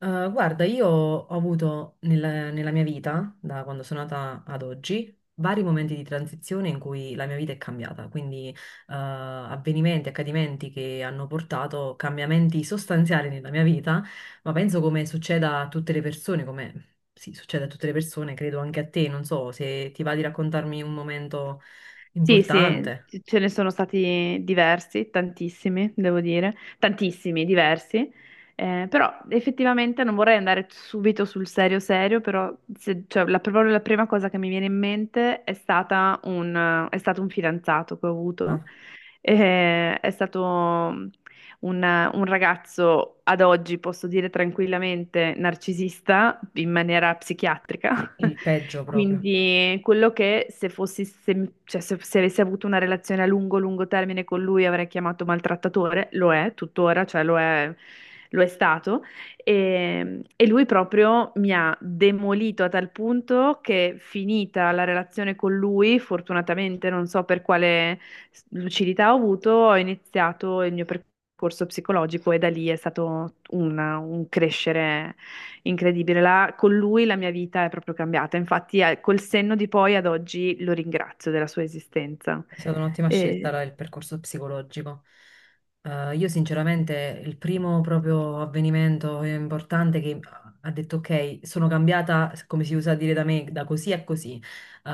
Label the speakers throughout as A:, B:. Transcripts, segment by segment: A: Guarda, io ho avuto nella mia vita, da quando sono nata ad oggi, vari momenti di transizione in cui la mia vita è cambiata, quindi avvenimenti, accadimenti che hanno portato cambiamenti sostanziali nella mia vita, ma penso come succeda a tutte le persone, come sì, succede a tutte le persone, credo anche a te, non so se ti va di raccontarmi un momento
B: Sì, sì,
A: importante,
B: ce ne sono stati diversi, tantissimi, devo dire, tantissimi, diversi. Però effettivamente non vorrei andare subito sul serio serio, però proprio la prima cosa che mi viene in mente è stato un fidanzato che ho avuto.
A: ah,
B: È stato un, un ragazzo ad oggi, posso dire tranquillamente, narcisista in maniera psichiatrica.
A: il peggio proprio.
B: Quindi quello che se fossi, se, cioè, se- se avessi avuto una relazione a lungo, lungo termine con lui avrei chiamato maltrattatore, lo è tuttora, cioè lo è stato. E lui proprio mi ha demolito a tal punto che finita la relazione con lui, fortunatamente non so per quale lucidità ho avuto, ho iniziato il mio percorso psicologico e da lì è stato un crescere incredibile. La- con lui la mia vita è proprio cambiata, infatti col senno di poi ad oggi lo ringrazio della sua esistenza.
A: È stata un'ottima scelta
B: E-
A: il percorso psicologico. Io sinceramente il primo proprio avvenimento importante che ha detto ok, sono cambiata, come si usa dire da me, da così a così. Eh,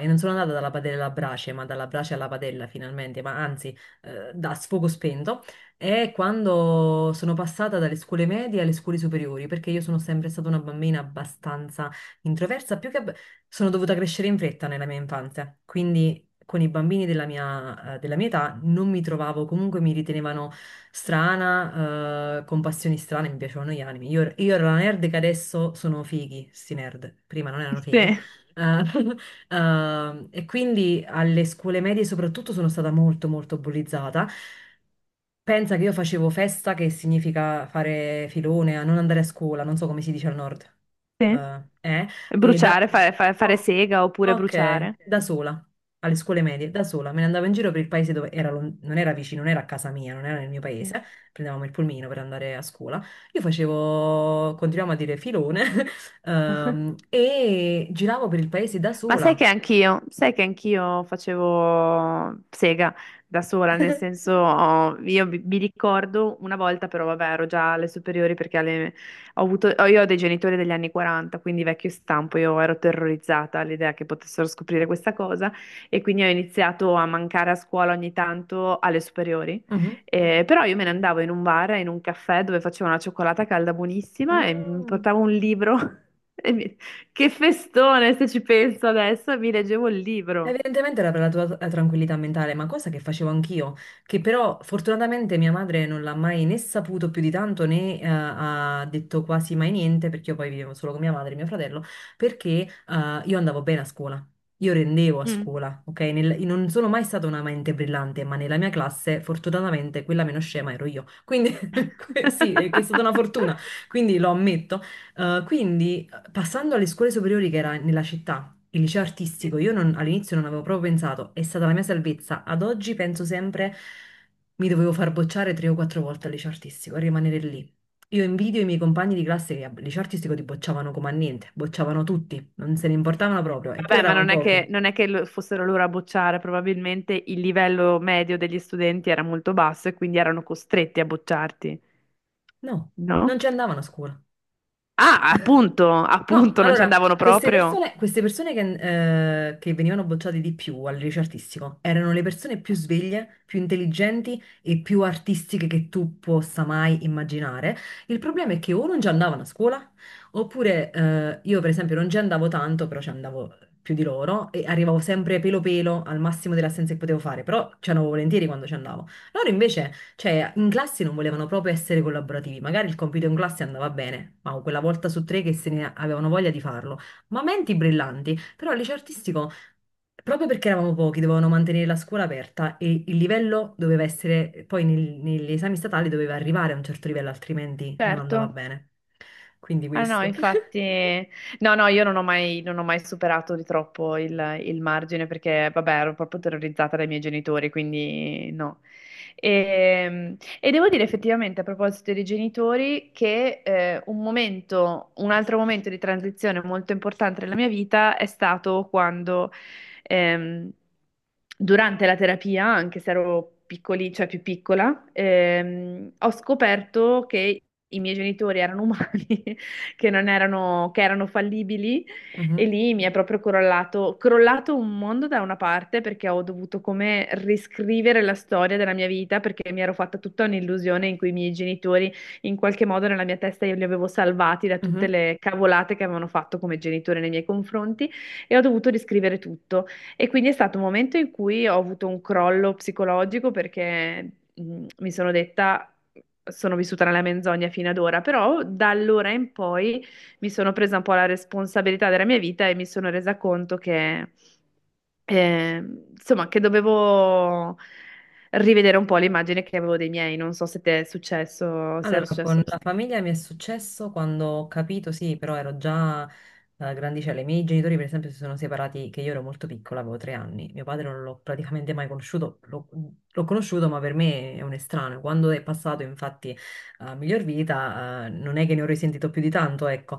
A: e non sono andata dalla padella alla brace, ma dalla brace alla padella finalmente, ma anzi da sfogo spento. È quando sono passata dalle scuole medie alle scuole superiori, perché io sono sempre stata una bambina abbastanza introversa, sono dovuta crescere in fretta nella mia infanzia, quindi con i bambini della mia età non mi trovavo, comunque mi ritenevano strana, con passioni strane, mi piacevano gli anime. Io ero la nerd che adesso sono fighi, sti nerd, prima non erano
B: Sì,
A: fighi. Eh, e quindi alle scuole medie soprattutto sono stata molto molto bullizzata. Pensa che io facevo festa, che significa fare filone, a non andare a scuola, non so come si dice al nord.
B: sì.
A: Eh, eh, e da...
B: Bruciare, fare
A: oh,
B: sega oppure
A: ok,
B: bruciare.
A: da sola alle scuole medie da sola, me ne andavo in giro per il paese dove era non era vicino, non era a casa mia, non era nel mio
B: Sì.
A: paese, prendevamo il pulmino per andare a scuola. Io facevo, continuiamo a dire filone, e giravo per il paese da
B: Ma
A: sola.
B: sai che anch'io facevo sega da sola, nel senso, oh, io mi ricordo una volta, però vabbè, ero già alle superiori perché alle- ho avuto, ho- io ho dei genitori degli anni 40, quindi vecchio stampo, io ero terrorizzata all'idea che potessero scoprire questa cosa e quindi ho iniziato a mancare a scuola ogni tanto alle superiori.
A: Mhm.
B: Però io me ne andavo in un bar, in un caffè dove facevo una cioccolata calda buonissima e mi
A: Mm.
B: portavo un libro. E mi, che festone, se ci penso adesso, e mi leggevo il libro.
A: Evidentemente era per la tua tranquillità mentale, ma cosa che facevo anch'io, che però fortunatamente mia madre non l'ha mai né saputo più di tanto né ha detto quasi mai niente, perché io poi vivevo solo con mia madre e mio fratello, perché io andavo bene a scuola, io rendevo a
B: Mm.
A: scuola, ok? Io non sono mai stata una mente brillante, ma nella mia classe fortunatamente quella meno scema ero io, quindi sì, è che è stata una fortuna, quindi lo ammetto. Quindi, passando alle scuole superiori che era nella città, il liceo artistico, io non- all'inizio non avevo proprio pensato, è stata la mia salvezza. Ad oggi penso sempre mi dovevo far bocciare 3 o 4 volte al liceo artistico e rimanere lì. Io invidio i miei compagni di classe che al liceo artistico ti bocciavano come a niente, bocciavano tutti, non se ne importavano proprio, eppure
B: Vabbè, ma
A: eravamo pochi.
B: non è che fossero loro a bocciare, probabilmente il livello medio degli studenti era molto basso e quindi erano costretti a bocciarti,
A: No, non
B: no?
A: ci andavano a scuola.
B: Ah, appunto,
A: No,
B: appunto, non ci
A: allora,
B: andavano
A: queste
B: proprio.
A: persone, queste persone che, eh, che venivano bocciate di più al liceo artistico erano le persone più sveglie, più intelligenti e più artistiche che tu possa mai immaginare. Il problema è che o non ci andavano a scuola, oppure io per esempio non ci andavo tanto, però ci andavo più di loro e arrivavo sempre pelo pelo al massimo delle assenze che potevo fare, però ci andavo volentieri quando ci andavo. Loro invece, cioè, in classe non volevano proprio essere collaborativi. Magari il compito in classe andava bene, ma quella volta su tre che se ne avevano voglia di farlo. Ma menti brillanti. Però al liceo artistico, proprio perché eravamo pochi, dovevano mantenere la scuola aperta e il livello doveva essere, poi negli esami statali doveva arrivare a un certo livello, altrimenti non andava
B: Certo.
A: bene. Quindi
B: Ah no,
A: questo.
B: infatti, no, no, io non ho mai superato di troppo il margine perché, vabbè, ero proprio terrorizzata dai miei genitori, quindi no. E, e devo dire effettivamente, a proposito dei genitori, che un altro momento di transizione molto importante nella mia vita è stato quando, ehm, durante la terapia, anche se ero piccoli, cioè più piccola, ho scoperto che i miei genitori erano umani che non erano, che erano fallibili e
A: Mhm,
B: lì mi è proprio crollato un mondo da una parte perché ho dovuto come riscrivere la storia della mia vita perché mi ero fatta tutta un'illusione in cui i miei genitori in qualche modo nella mia testa io li avevo salvati da tutte
A: mhm.
B: le cavolate che avevano fatto come genitori nei miei confronti e ho dovuto riscrivere tutto. E quindi è stato un momento in cui ho avuto un crollo psicologico perché mi sono detta sono vissuta nella menzogna fino ad ora, però da allora in poi mi sono presa un po' la responsabilità della mia vita e mi sono resa conto che, eh, insomma, che dovevo rivedere un po' l'immagine che avevo dei miei. Non so se ti è successo, se era
A: Allora,
B: successo
A: con
B: lo
A: la
B: stesso.
A: famiglia mi è successo quando ho capito, sì, però ero già grandicella. I miei genitori, per esempio, si sono separati che io ero molto piccola, avevo 3 anni. Mio padre non l'ho praticamente mai conosciuto, l'ho conosciuto, ma per me è un estraneo. Quando è passato, infatti, a miglior vita, non è che ne ho risentito più di tanto, ecco.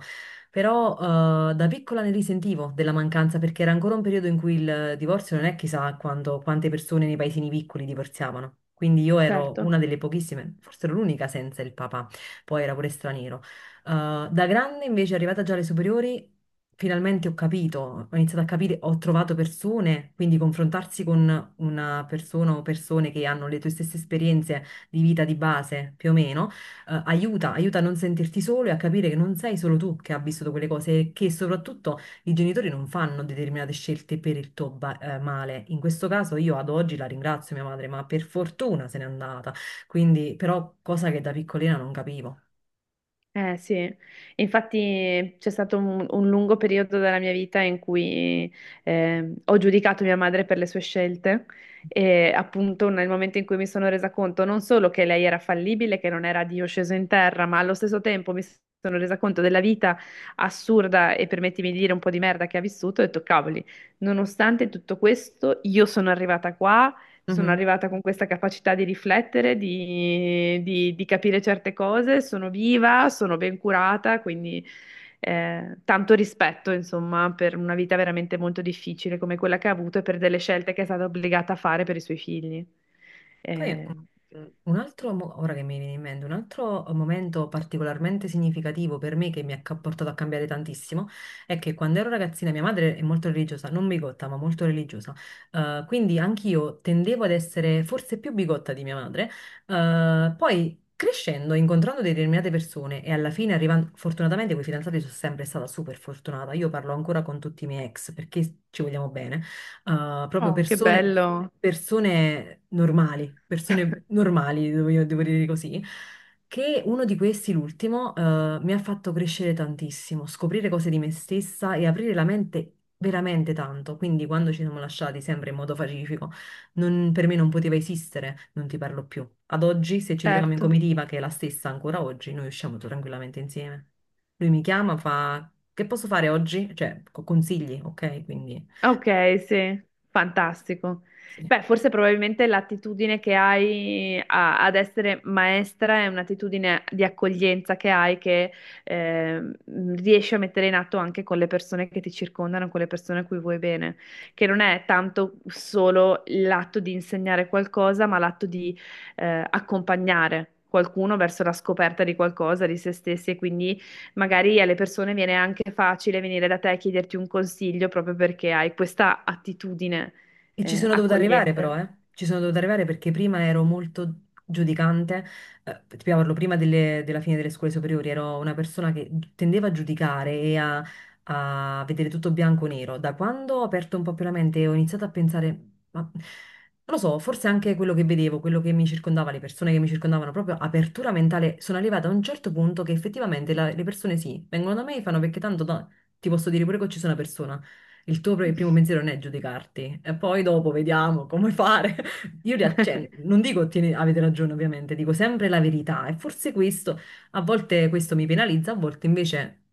A: Però da piccola ne risentivo della mancanza perché era ancora un periodo in cui il divorzio non è chissà quante persone nei paesini piccoli divorziavano. Quindi io ero una
B: Certo.
A: delle pochissime, forse ero l'unica senza il papà, poi era pure straniero. Da grande invece, arrivata già alle superiori, finalmente ho capito, ho iniziato a capire, ho trovato persone, quindi confrontarsi con una persona o persone che hanno le tue stesse esperienze di vita di base, più o meno aiuta, aiuta a non sentirti solo e a capire che non sei solo tu che ha vissuto quelle cose e che soprattutto i genitori non fanno determinate scelte per il tuo male. In questo caso io ad oggi la ringrazio mia madre, ma per fortuna se n'è andata, quindi però cosa che da piccolina non capivo.
B: Eh sì, infatti c'è stato un lungo periodo della mia vita in cui ho giudicato mia madre per le sue scelte e appunto nel momento in cui mi sono resa conto non solo che lei era fallibile, che non era Dio sceso in terra, ma allo stesso tempo mi sono resa conto della vita assurda e permettimi di dire un po' di merda che ha vissuto e ho detto, cavoli, nonostante tutto questo io sono arrivata qua, sono arrivata con questa capacità di riflettere, di capire certe cose, sono viva, sono ben curata, quindi tanto rispetto, insomma, per una vita veramente molto difficile come quella che ha avuto e per delle scelte che è stata obbligata a fare per i suoi figli.
A: Poi
B: Eh,
A: ora che mi viene in mente, un altro momento particolarmente significativo per me che mi ha portato a cambiare tantissimo è che quando ero ragazzina mia madre è molto religiosa, non bigotta, ma molto religiosa. Quindi anch'io tendevo ad essere forse più bigotta di mia madre. Poi crescendo, incontrando determinate persone e alla fine arrivando, fortunatamente con i fidanzati sono sempre stata super fortunata. Io parlo ancora con tutti i miei ex perché ci vogliamo bene proprio
B: oh, che
A: persone,
B: bello!
A: persone normali, io devo dire così, che uno di questi, l'ultimo, mi ha fatto crescere tantissimo, scoprire cose di me stessa e aprire la mente veramente tanto. Quindi quando ci siamo lasciati, sempre in modo pacifico, per me non poteva esistere, non ti parlo più. Ad oggi, se ci troviamo in
B: Certo.
A: comitiva, che è la stessa ancora oggi, noi usciamo tranquillamente insieme. Lui mi chiama, fa... Che posso fare oggi? Cioè, consigli, ok? Quindi...
B: Ok, sì, fantastico.
A: Sì.
B: Beh, forse probabilmente l'attitudine che hai ad essere maestra è un'attitudine di accoglienza che hai che ehm, riesci a mettere in atto anche con le persone che ti circondano, con le persone a cui vuoi bene, che non è tanto solo l'atto di insegnare qualcosa, ma l'atto di accompagnare qualcuno verso la scoperta di qualcosa, di se stessi e quindi magari alle persone viene anche facile venire da te e chiederti un consiglio proprio perché hai questa attitudine,
A: E ci sono dovuta arrivare però,
B: accogliente.
A: eh. Ci sono dovuta arrivare perché prima ero molto giudicante, ti parlo prima della fine delle scuole superiori, ero una persona che tendeva a giudicare e a vedere tutto bianco o nero. Da quando ho aperto un po' più la mente e ho iniziato a pensare, ma non lo so, forse anche quello che vedevo, quello che mi circondava, le persone che mi circondavano, proprio apertura mentale, sono arrivata a un certo punto che effettivamente le persone sì, vengono da me e fanno perché tanto ti posso dire pure che ci sono una persona. Il tuo primo pensiero non è giudicarti, e poi dopo vediamo come fare. Io cioè, non dico avete ragione, ovviamente, dico sempre la verità. E forse questo, a volte questo mi penalizza, a volte invece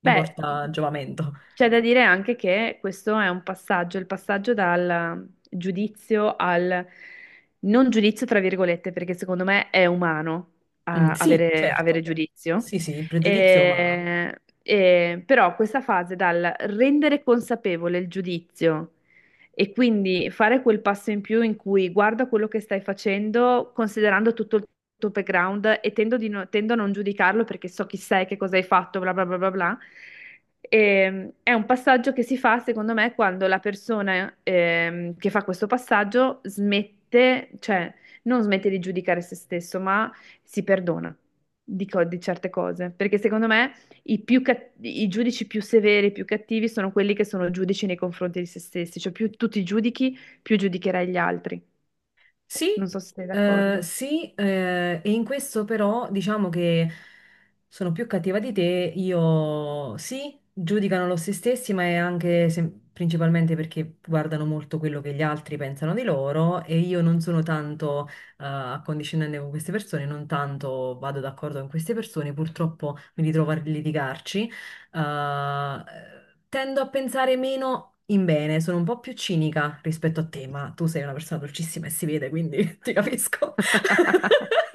A: mi
B: Beh,
A: porta a giovamento.
B: c'è da dire anche che questo è un passaggio, il passaggio dal giudizio al non giudizio, tra virgolette, perché secondo me è umano
A: Mm,
B: ah,
A: sì,
B: avere, avere
A: certo.
B: giudizio.
A: Sì, sì, il pregiudizio è umano.
B: E- però questa fase dal rendere consapevole il giudizio e quindi fare quel passo in più in cui guarda quello che stai facendo, considerando tutto il tuo background e tendo, di no- tendo a non giudicarlo perché so chi sei, che cosa hai fatto, bla bla bla bla bla. È un passaggio che si fa, secondo me, quando la persona che fa questo passaggio smette, cioè non smette di giudicare se stesso, ma si perdona di certe cose. Perché secondo me i giudici più severi, i più cattivi sono quelli che sono giudici nei confronti di se stessi. Cioè più tu ti giudichi, più giudicherai gli altri.
A: Sì,
B: Non so se sei
A: eh,
B: d'accordo.
A: sì, eh, e in questo però diciamo che sono più cattiva di te, io sì, giudicano lo se stessi, ma è anche principalmente perché guardano molto quello che gli altri pensano di loro e io non sono tanto accondiscendente con queste persone, non tanto vado d'accordo con queste persone, purtroppo mi ritrovo a litigarci. eh, Tendo a pensare meno in bene, sono un po' più cinica rispetto a te, ma tu sei una persona dolcissima e si vede, quindi ti capisco.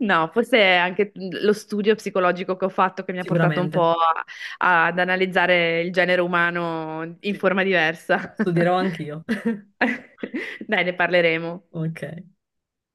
B: No, forse è anche lo studio psicologico che ho fatto che mi ha portato un
A: Sicuramente,
B: po' ad analizzare il genere umano in
A: sì.
B: forma diversa.
A: Studierò anch'io.
B: Dai, ne parleremo.
A: Ok.